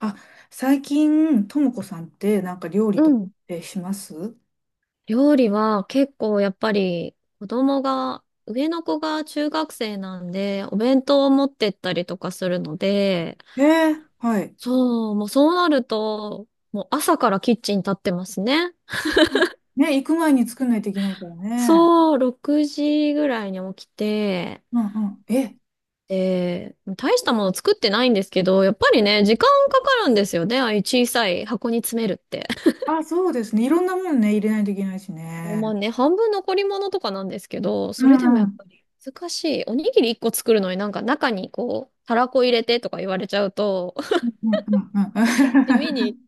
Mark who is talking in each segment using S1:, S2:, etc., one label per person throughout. S1: あ、最近、ともこさんってなんか料理
S2: う
S1: とっ
S2: ん。
S1: てします？
S2: 料理は結構やっぱり子供が、上の子が中学生なんで、お弁当を持ってったりとかするので、
S1: はい。
S2: そう、もうそうなると、もう朝からキッチン立ってますね。
S1: うんね、行く前に作んないといけないからね。
S2: そう、6時ぐらいに起きて、
S1: うんうん。え、
S2: で、大したもの作ってないんですけど、やっぱりね、時間かかるんですよね。ああいう小さい箱に詰めるって。
S1: あ、そうですね。いろんなもんね、入れないといけないし
S2: まあ
S1: ね。
S2: ね、半分残り物とかなんですけど、
S1: う
S2: それでも
S1: ん
S2: や
S1: う
S2: っ
S1: ん。
S2: ぱり難しい。おにぎり1個作るのになんか中にこう、たらこ入れてとか言われちゃうと、
S1: う んうんう
S2: 地味に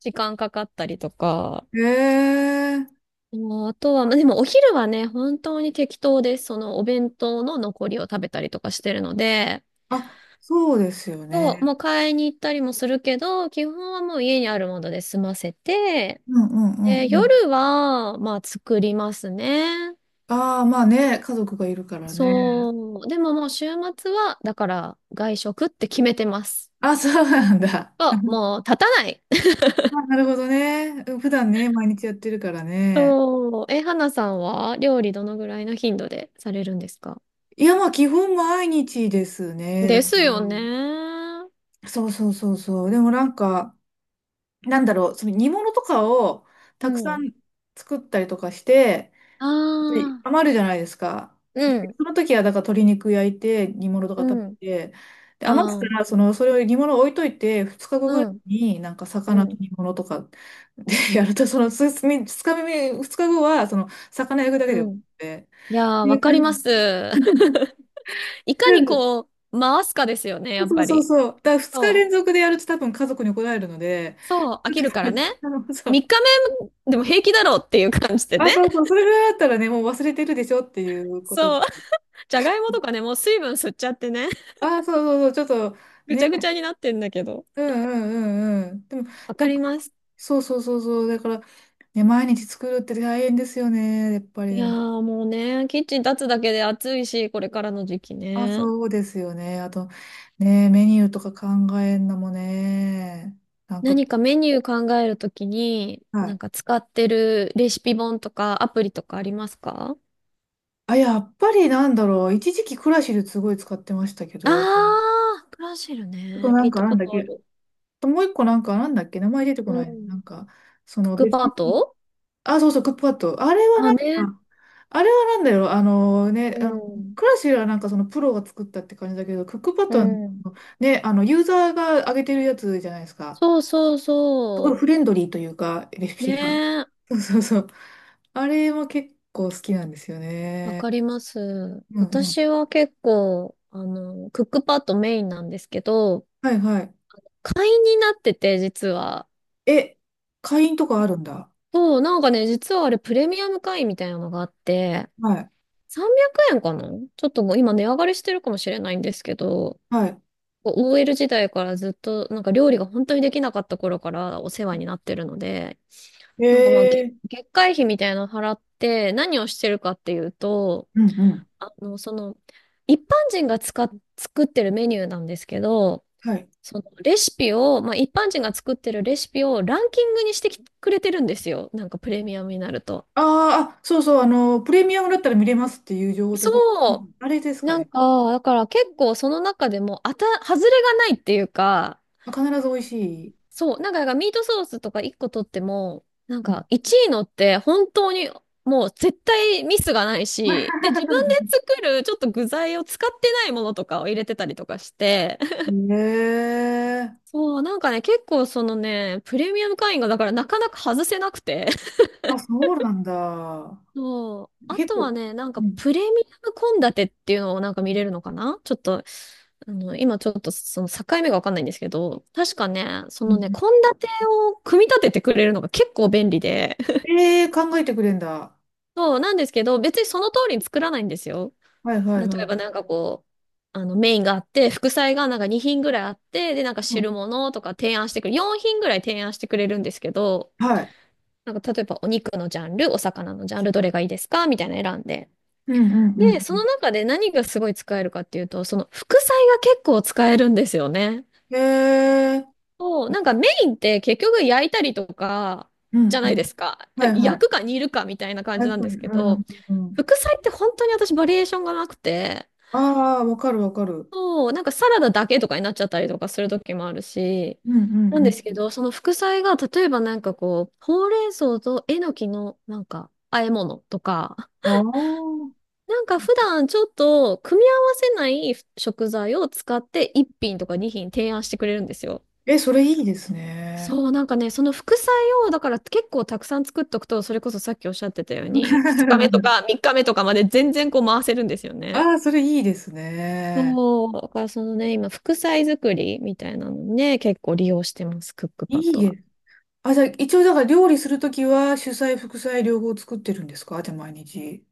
S2: 時間かかったりとか。
S1: ん。
S2: もうあとは、まあでもお昼はね、本当に適当です。そのお弁当の残りを食べたりとかしてるので、
S1: あ、そうですよ
S2: そう、
S1: ね。
S2: もう買いに行ったりもするけど、基本はもう家にあるもので済ませて、
S1: うんうんうんう
S2: で、
S1: ん。
S2: 夜は、まあ作りますね。
S1: ああ、まあね、家族がいるからね。
S2: そう。でももう週末は、だから外食って決めてます。
S1: あ、そうなんだ。
S2: あ、もう立たない。
S1: あ、なるほどね。普段ね、毎日やってるからね。
S2: そう。え、花さんは料理どのぐらいの頻度でされるんですか？
S1: いや、まあ、基本毎日ですね。だ
S2: で
S1: か
S2: すよね。
S1: ら、そうそうそうそう。でもなんか、なんだろう、その煮物とかを
S2: う
S1: たくさ
S2: ん。
S1: ん作ったりとかして、
S2: あ
S1: で
S2: あ、
S1: 余るじゃないですか。
S2: うん、
S1: その時は、だから鶏肉焼いて、煮物とか
S2: う
S1: 食
S2: ん、
S1: べて、で、余った
S2: ああ、
S1: ら、その、それを煮物置いといて、2日後ぐ
S2: う
S1: らい
S2: ん、
S1: になんか
S2: う
S1: 魚と
S2: ん、
S1: 煮物とかで やると、その、2日目、二日後は、その、魚焼くだけで
S2: う
S1: 終わ
S2: ん。
S1: って、
S2: い
S1: っ
S2: やー、
S1: てい
S2: わ
S1: う
S2: かりま
S1: 感じ。
S2: す。いかにこう、回すかですよね、やっ
S1: そう
S2: ぱ
S1: そう
S2: り。
S1: そう。だから2日
S2: そ
S1: 連
S2: う。
S1: 続でやると多分家族に怒られるので、
S2: そう、飽きるから ね。
S1: そ
S2: 3
S1: う。
S2: 日目でも平気だろうっていう感じで
S1: あ、
S2: ね。
S1: そうそう。それぐらいだったらね、もう忘れてるでしょっていうこと。
S2: そう。じゃがいもとかね、もう水分吸っちゃってね、
S1: あ、そうそうそう。ちょっと
S2: ぐちゃぐち
S1: ね、
S2: ゃになってんだけど。
S1: うんうんうんうん。でも、
S2: わ
S1: で
S2: か
S1: も
S2: ります。
S1: そうそうそうそう。だから、ね、毎日作るって大変ですよね。やっぱり
S2: い
S1: で
S2: や
S1: も。
S2: ーもうね、キッチン立つだけで暑いし、これからの時期
S1: あ、
S2: ね。
S1: そうですよね。あと、ね、メニューとか考えんのもね。なんか、
S2: 何かメニュー考えるときに、
S1: は
S2: なん
S1: い。
S2: か使ってるレシピ本とかアプリとかありますか？
S1: あ、やっぱりなんだろう。一時期クラシルすごい使ってましたけど、
S2: あー、クラシル
S1: あと
S2: ね。
S1: な
S2: 聞
S1: ん
S2: い
S1: か
S2: た
S1: な
S2: こ
S1: んだっ
S2: とあ
S1: け、
S2: る。
S1: ともう一個なんか、なんだっけ、名前出てこ
S2: う
S1: ない。な
S2: ん。
S1: んか、そ
S2: クッ
S1: の
S2: ク
S1: 別
S2: パ
S1: の、
S2: ッド。
S1: あ、そうそう、クックパッド。あれは
S2: あ、
S1: なん
S2: ね。
S1: か、あれはなんだよ、あの
S2: う
S1: ね、あの
S2: ん。
S1: クラシルはなんかそのプロが作ったって感じだけど、クックパッ
S2: う
S1: ドは
S2: ん。
S1: ね、あの、ユーザーが上げてるやつじゃないですか。
S2: そうそう
S1: すごい
S2: そ
S1: フレンドリーというか、レ
S2: う。
S1: シ
S2: ね
S1: ピが。
S2: え、
S1: そうそうそう。あれも結構好きなんですよ
S2: わ
S1: ね。
S2: かります。
S1: うんうん。
S2: 私は結構、あの、クックパッドメインなんですけど、
S1: はいはい。
S2: 会員になってて、実は。
S1: え、会員とかあるんだ。
S2: そう、なんかね、実はあれプレミアム会員みたいなのがあって、
S1: はい。
S2: 300円かな？ちょっともう今値上がりしてるかもしれないんですけど、
S1: はい。
S2: こう OL 時代からずっと、なんか料理が本当にできなかった頃からお世話になってるので、
S1: え
S2: なんかまあ、月、
S1: ー、
S2: 月会費みたいなの払って、何をしてるかっていうと、
S1: うんうん。
S2: あの、その、一般人が使っ、作ってるメニューなんですけど、
S1: はい。
S2: そのレシピを、まあ、一般人が作ってるレシピをランキングにしてきくれてるんですよ。なんかプレミアムになると。
S1: あーあ、そうそう、あの、プレミアムだったら見れますっていう情報と、う
S2: そ
S1: んあれです
S2: う。
S1: か
S2: なん
S1: ね。
S2: か、だから結構その中でも、外れがないっていうか、
S1: 必ず美味しい。
S2: そう。なんか、だからミートソースとか1個取っても、なん
S1: うん
S2: か1位のって本当にもう絶対ミスがないし、で、自分で 作るちょっと具材を使ってないものとかを入れてたりとかして、
S1: へえ。
S2: そう、なんかね、結構そのね、プレミアム会員がだからなかなか外せなくて。
S1: あ、そうなんだ。
S2: そう。あ
S1: 結
S2: とは
S1: 構。
S2: ね、なん
S1: う
S2: か
S1: ん
S2: プレミアム献立っていうのをなんか見れるのかな、ちょっと、あの、今ちょっとその境目がわかんないんですけど、確かね、そ
S1: う
S2: の
S1: ん
S2: ね、
S1: うん
S2: 献立を組み立ててくれるのが結構便利で。
S1: えー考えてくれんだ。
S2: そう、なんですけど、別にその通りに作らないんですよ。
S1: はいはい
S2: 例え
S1: は
S2: ば
S1: い。
S2: なんかこう、あのメインがあって、副菜がなんか2品ぐらいあって、で、なんか
S1: うん
S2: 汁物とか提案してくれる、4品ぐらい提案してくれるんですけど、
S1: はい。
S2: なんか例えばお肉のジャンル、お魚のジャンル、どれがいいですかみたいなの選んで。
S1: うんう
S2: で、
S1: ん
S2: その
S1: う
S2: 中で何がすごい使えるかっていうと、その副菜が結構使えるんですよね。
S1: ん。へえ。
S2: そう、なんかメインって結局焼いたりとか
S1: う
S2: じ
S1: ん
S2: ゃ
S1: う
S2: ない
S1: ん。
S2: ですか。
S1: はいは
S2: 焼
S1: い。
S2: くか煮るかみたいな感
S1: はい
S2: じ
S1: はい
S2: なんですけ
S1: う
S2: ど、
S1: んうん。
S2: 副菜って本当に私バリエーションがなくて、
S1: ああ、わかるわかる。
S2: そう、なんかサラダだけとかになっちゃったりとかする時もあるし、
S1: うん
S2: なん
S1: う
S2: で
S1: ん
S2: すけど、その副菜が例えばなんかこう、ほうれん草とえのきのなんか和え物とか、
S1: うん。ああ。
S2: なんか普段ちょっと組み合わせない食材を使って1品とか2品提案してくれるんですよ。
S1: え、それいいですね。
S2: そう、なんかね、その副菜をだから結構たくさん作っとくと、それこそさっきおっしゃってたように、2日目と か3日目とかまで全然こう回せるんですよね。
S1: ああ、それいいですね。
S2: そう、だからそのね、今副菜作りみたいなのにね、結構利用してます、クックパッ
S1: いい
S2: ドは。
S1: です。あ、じゃあ、一応、だから料理するときは、主菜、副菜、両方作ってるんですか？じゃあ、毎日。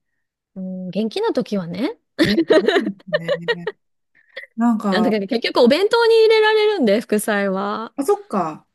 S2: うん、元気な時はね、
S1: え、すごいですね。なん
S2: あんだ
S1: か、
S2: けど結局お弁当に入れられるんで、副菜は。
S1: あ、そっか。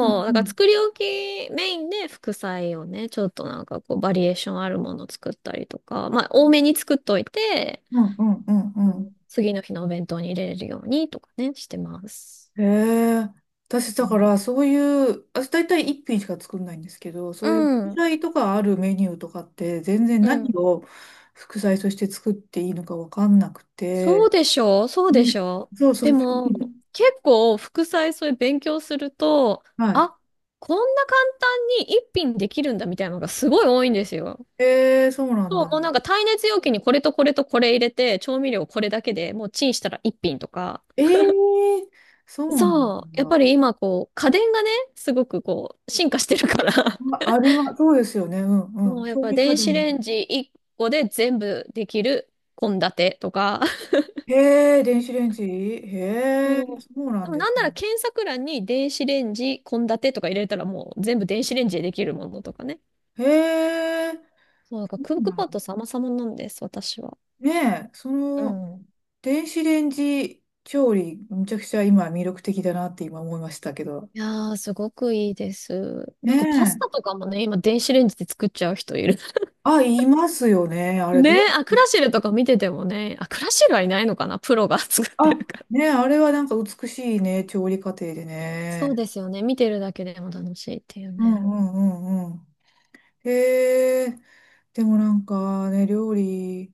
S1: うん
S2: う、だか
S1: う
S2: ら
S1: ん。
S2: 作り置きメインで副菜をね、ちょっとなんかこうバリエーションあるものを作ったりとか、まあ多めに作っといて、
S1: うんうんうんう
S2: あの
S1: ん。
S2: 次の日のお弁当に入れれるようにとかね、してます。
S1: へえ。私、
S2: う
S1: だか
S2: ん
S1: ら、そういう、私、大体一品しか作んないんですけど、そ
S2: う
S1: ういう副
S2: ん、
S1: 菜とかあるメニューとかって、全然
S2: う
S1: 何
S2: ん。
S1: を副菜として作っていいのかわかんなく
S2: そう
S1: て。
S2: でしょう、そうでし
S1: ね、
S2: ょう。
S1: そうそ
S2: で
S1: う。
S2: も、結構副菜そういう勉強すると、
S1: はい。
S2: あ、こんな簡単に一品できるんだみたいなのがすごい多いんですよ。
S1: ええ、そうなん
S2: そう、
S1: だ。
S2: もうなんか耐熱容器にこれとこれとこれ入れて、調味料これだけでもうチンしたら一品とか。
S1: ええそうなん
S2: そう、やっぱり今こう、家電がね、すごくこう、進化してるから、
S1: だ。あ、あります。そうですよね。う んう
S2: も
S1: ん。
S2: うやっ
S1: 調
S2: ぱ
S1: 理家
S2: 電子
S1: 電。
S2: レンジ1個で全部できる献立とか。
S1: へえ、電子レンジ。へえ、
S2: そう。
S1: そうな
S2: で
S1: ん
S2: も
S1: で
S2: な
S1: す
S2: んな
S1: ね。
S2: ら検索欄に電子レンジ献立とか入れたらもう全部電子レンジでできるものとかね。
S1: へえ、
S2: そう、だから
S1: そ
S2: クッ
S1: う
S2: ク
S1: なん
S2: パッ
S1: だ
S2: ド様々なんです、私は。
S1: ねえ、そ
S2: う
S1: の、
S2: ん。
S1: 電子レンジ調理、めちゃくちゃ今魅力的だなって今思いましたけど。
S2: いやー、すごくいいです。
S1: ね
S2: なんかパスタ
S1: え。
S2: とかもね、今電子レンジで作っちゃう人いる。
S1: あ、いますよね。あれ、
S2: ね
S1: ど
S2: え、あ、ク
S1: う、
S2: ラシルとか見ててもね、あ、クラシルはいないのかな、プロが 作って
S1: あ、
S2: るから。
S1: ねえ、あれはなんか美しいね、調理過程で
S2: そう
S1: ね。
S2: ですよね。見てるだけでも楽しいっていう
S1: うんう
S2: ね。
S1: んうんうん。へえ。でもなんかね、料理、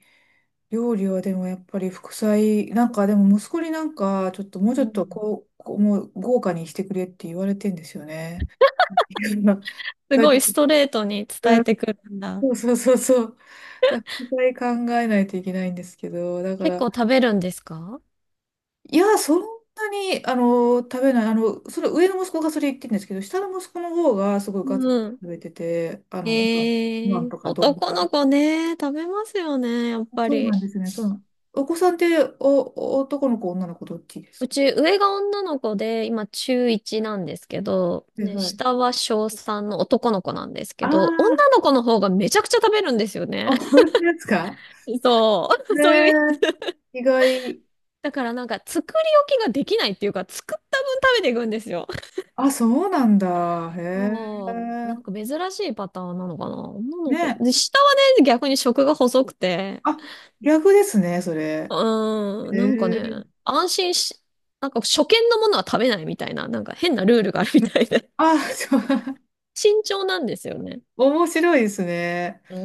S1: 料理はでもやっぱり副菜、なんかでも息子になんかちょっともうちょ
S2: う
S1: っと
S2: ん。
S1: こうもう豪華にしてくれって言われてんですよね。いやだか
S2: す
S1: ら
S2: ご
S1: ちょっ
S2: い
S1: と
S2: ストレートに伝えて
S1: う
S2: くるんだ。
S1: んそうそうそうそう。だ副菜考えないといけないんですけど、だか
S2: 結構
S1: ら、
S2: 食べるんですか？
S1: いや、そんなに、あの、食べない、あの、それ上の息子がそれ言ってるんですけど、下の息子の方がすごいガツ
S2: う
S1: ガツ
S2: ん。
S1: 食べてて、あ
S2: え
S1: の、ご飯とか丼。
S2: 男の子ね、食べますよね、やっぱ
S1: そう
S2: り。
S1: なんですね。そうなん。お子さんって、男の子、女の子、どっちです
S2: う
S1: か？
S2: ち上が女の子で、今中1なんですけど、
S1: はい
S2: ね、
S1: はい。
S2: 下は小3の男の子なんですけ
S1: あ
S2: ど、女の子の方がめちゃくちゃ食べるんですよね。
S1: あ、あ、本当ですか？
S2: そ
S1: へ
S2: う、そういうやつ。
S1: え、意外。
S2: だからなんか作り置きができないっていうか、作った分食べていくんですよ。
S1: あ、そうなんだ。へ
S2: そう、な
S1: え。
S2: んか珍しいパターンなのかな。女の子。
S1: ね。
S2: で、下はね、逆に食が細くて、
S1: あ、逆ですね、それ。
S2: うーん、
S1: へ
S2: なんか
S1: え。
S2: ね、安心し、なんか初見のものは食べないみたいな、なんか変なルールがあるみたいで。
S1: あ、そう、
S2: 慎重なんですよね。
S1: 面白いですね。
S2: うー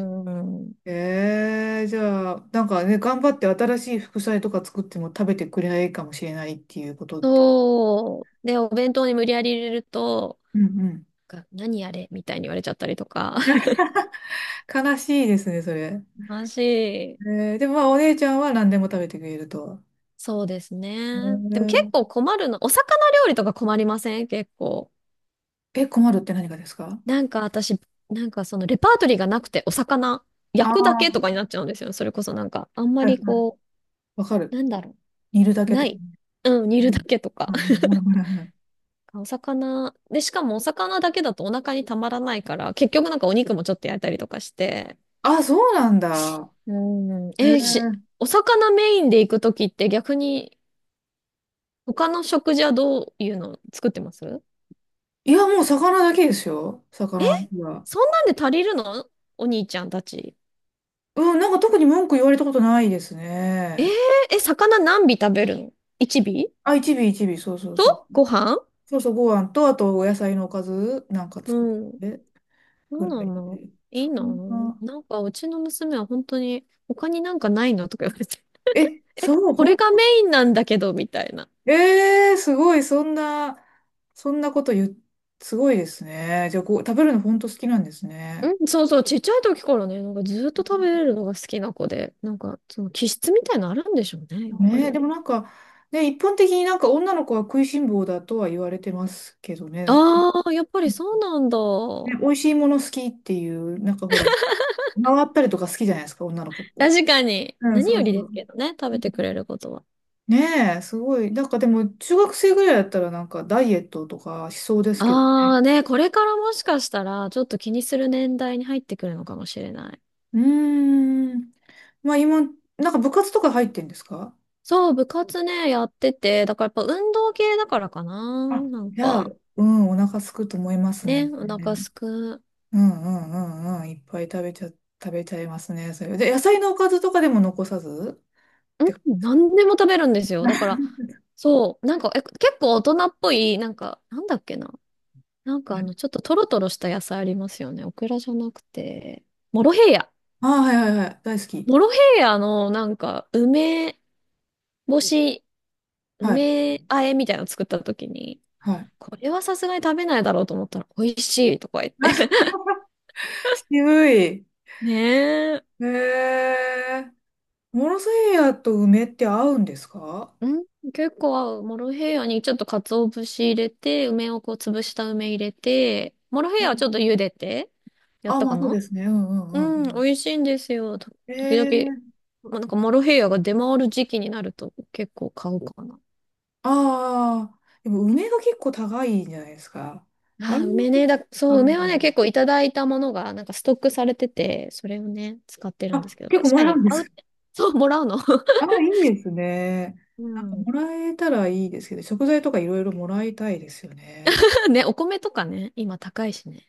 S2: ん。
S1: へえ、じゃあ、なんかね、頑張って新しい副菜とか作っても食べてくれないかもしれないっていうことって。
S2: そう。で、お弁当に無理やり入れると、
S1: うんうん。
S2: が何あれみたいに言われちゃったりとか。
S1: 悲しいですね、それ。
S2: マジ。
S1: でもまあお姉ちゃんは何でも食べてくれると。
S2: そうです
S1: え
S2: ね。でも結
S1: ー、
S2: 構困るの。お魚料理とか困りません、結構？
S1: え、困るって何がですか？
S2: なんか私、なんかそのレパートリーがなくて、お魚
S1: あ
S2: 焼くだ
S1: あ
S2: けとか
S1: ー、
S2: になっちゃうんですよ。それこそなんか、あんま
S1: はいは
S2: り
S1: い。
S2: こ
S1: わか
S2: う、
S1: る。
S2: なんだろ
S1: 煮るだ
S2: う。
S1: け
S2: な
S1: とか。
S2: い。うん、煮
S1: う
S2: るだ
S1: ん
S2: けとか。
S1: うん うんはいはい
S2: お魚。で、しかもお魚だけだとお腹にたまらないから、結局なんかお肉もちょっと焼いたりとかして、
S1: あ、そうなんだ。
S2: うん。
S1: え
S2: えーし、
S1: ー、
S2: お魚メインで行くときって逆に他の食事はどういうの作ってます？
S1: いや、もう魚だけですよ。魚の日は。
S2: そんなんで足りるの？お兄ちゃんたち。
S1: うん、なんか特に文句言われたことないです
S2: えー、
S1: ね。
S2: え、魚何尾食べるの？ 1 尾
S1: あ、一尾一尾、そうそうそう。
S2: とご飯？
S1: そうそう、ご飯と、あとお野菜のおかずなんか作っ
S2: うん。
S1: てく
S2: そう
S1: ら
S2: な
S1: い
S2: んだ。
S1: で。
S2: いい
S1: そ
S2: な。
S1: んな。
S2: なんかうちの娘は本当に他になんかないのとか言われて。
S1: え、そう、
S2: これがメインなんだけど、みたいな。
S1: ええーすごい、そんな、そんなこと言う、すごいですね。じゃあ、こう、食べるの本当好きなんですね。
S2: うん、そうそう、ちっちゃい時からね、なんかずっと食べれるのが好きな子で、なんかその気質みたいなのあるんでしょうね、やっぱ
S1: ねえ、
S2: り。
S1: でもなんか、ね、一般的になんか女の子は食いしん坊だとは言われてますけどね。
S2: ああ、やっぱりそうなんだ。
S1: ね、美味しいもの好きっていう、なんかほら、回ったりとか好きじゃないですか、女の子って。
S2: 確かに。
S1: うん、
S2: 何
S1: そ
S2: よ
S1: うそ
S2: りで
S1: う。
S2: すけどね、食
S1: う
S2: べ
S1: ん
S2: てくれることは。
S1: ねえ、すごい。なんかでも、中学生ぐらいだったらなんかダイエットとかしそうですけど。
S2: ああね、これからもしかしたら、ちょっと気にする年代に入ってくるのかもしれない。
S1: うーん。まあ今、なんか部活とか入ってんですか？
S2: そう、部活ね、やってて、だからやっぱ運動系だからかな。
S1: あ、
S2: なん
S1: じゃあ、
S2: か、
S1: うん、お腹すくと思います
S2: ね、
S1: ね。
S2: お腹すく。
S1: うんうんうんうん、いっぱい食べちゃいますね。それで、野菜のおかずとかでも残さずっ
S2: う
S1: てこと
S2: ん、
S1: ですか？
S2: 何でも食べるんですよ。
S1: あ
S2: だから、そう、なんか、え、結構大人っぽい、なんか、なんだっけな。なんかあの、ちょっとトロトロした野菜ありますよね。オクラじゃなくて、モロヘイヤ。
S1: あ、はいはいはい。大好
S2: モ
S1: き。
S2: ロヘイヤのなんか梅干し、
S1: はい。
S2: 梅和えみたいなの作った時に、
S1: はい。
S2: これはさすがに食べないだろうと思ったら美味しいとか言っ て。
S1: あ、渋い。
S2: ねえ。
S1: へえ。モロセイヤと梅って合うんですか？
S2: うん、結構合う。モロヘイヤにちょっと鰹節入れて、梅をこう潰した梅入れて、モロヘイ
S1: う
S2: ヤはち
S1: ん
S2: ょっと茹でて、やっ
S1: あ、
S2: た
S1: ま
S2: か
S1: あそうで
S2: な？
S1: すね。うんうんう
S2: うん、
S1: ん。
S2: 美味しいんですよ。と
S1: へ
S2: 時々、
S1: え。
S2: まあなんかモロヘイヤが出回る時期になると結構買うかな。
S1: ああ。でも梅が結構高いんじゃないですか？あれ
S2: あー、
S1: も
S2: 梅
S1: 結
S2: ね。
S1: 構、
S2: だ、そう、梅はね、結構いただいたものが、なんかストックされてて、それをね、使ってるんで
S1: あ、
S2: すけど、確
S1: 結構も
S2: か
S1: らう
S2: に
S1: んで
S2: 買うっ
S1: す。
S2: て、そう、もらうの。
S1: あ、いいですね。
S2: う
S1: なんか
S2: ん。
S1: もらえたらいいですけど、食材とかいろいろもらいたいですよね。
S2: ね、お米とかね、今高いしね。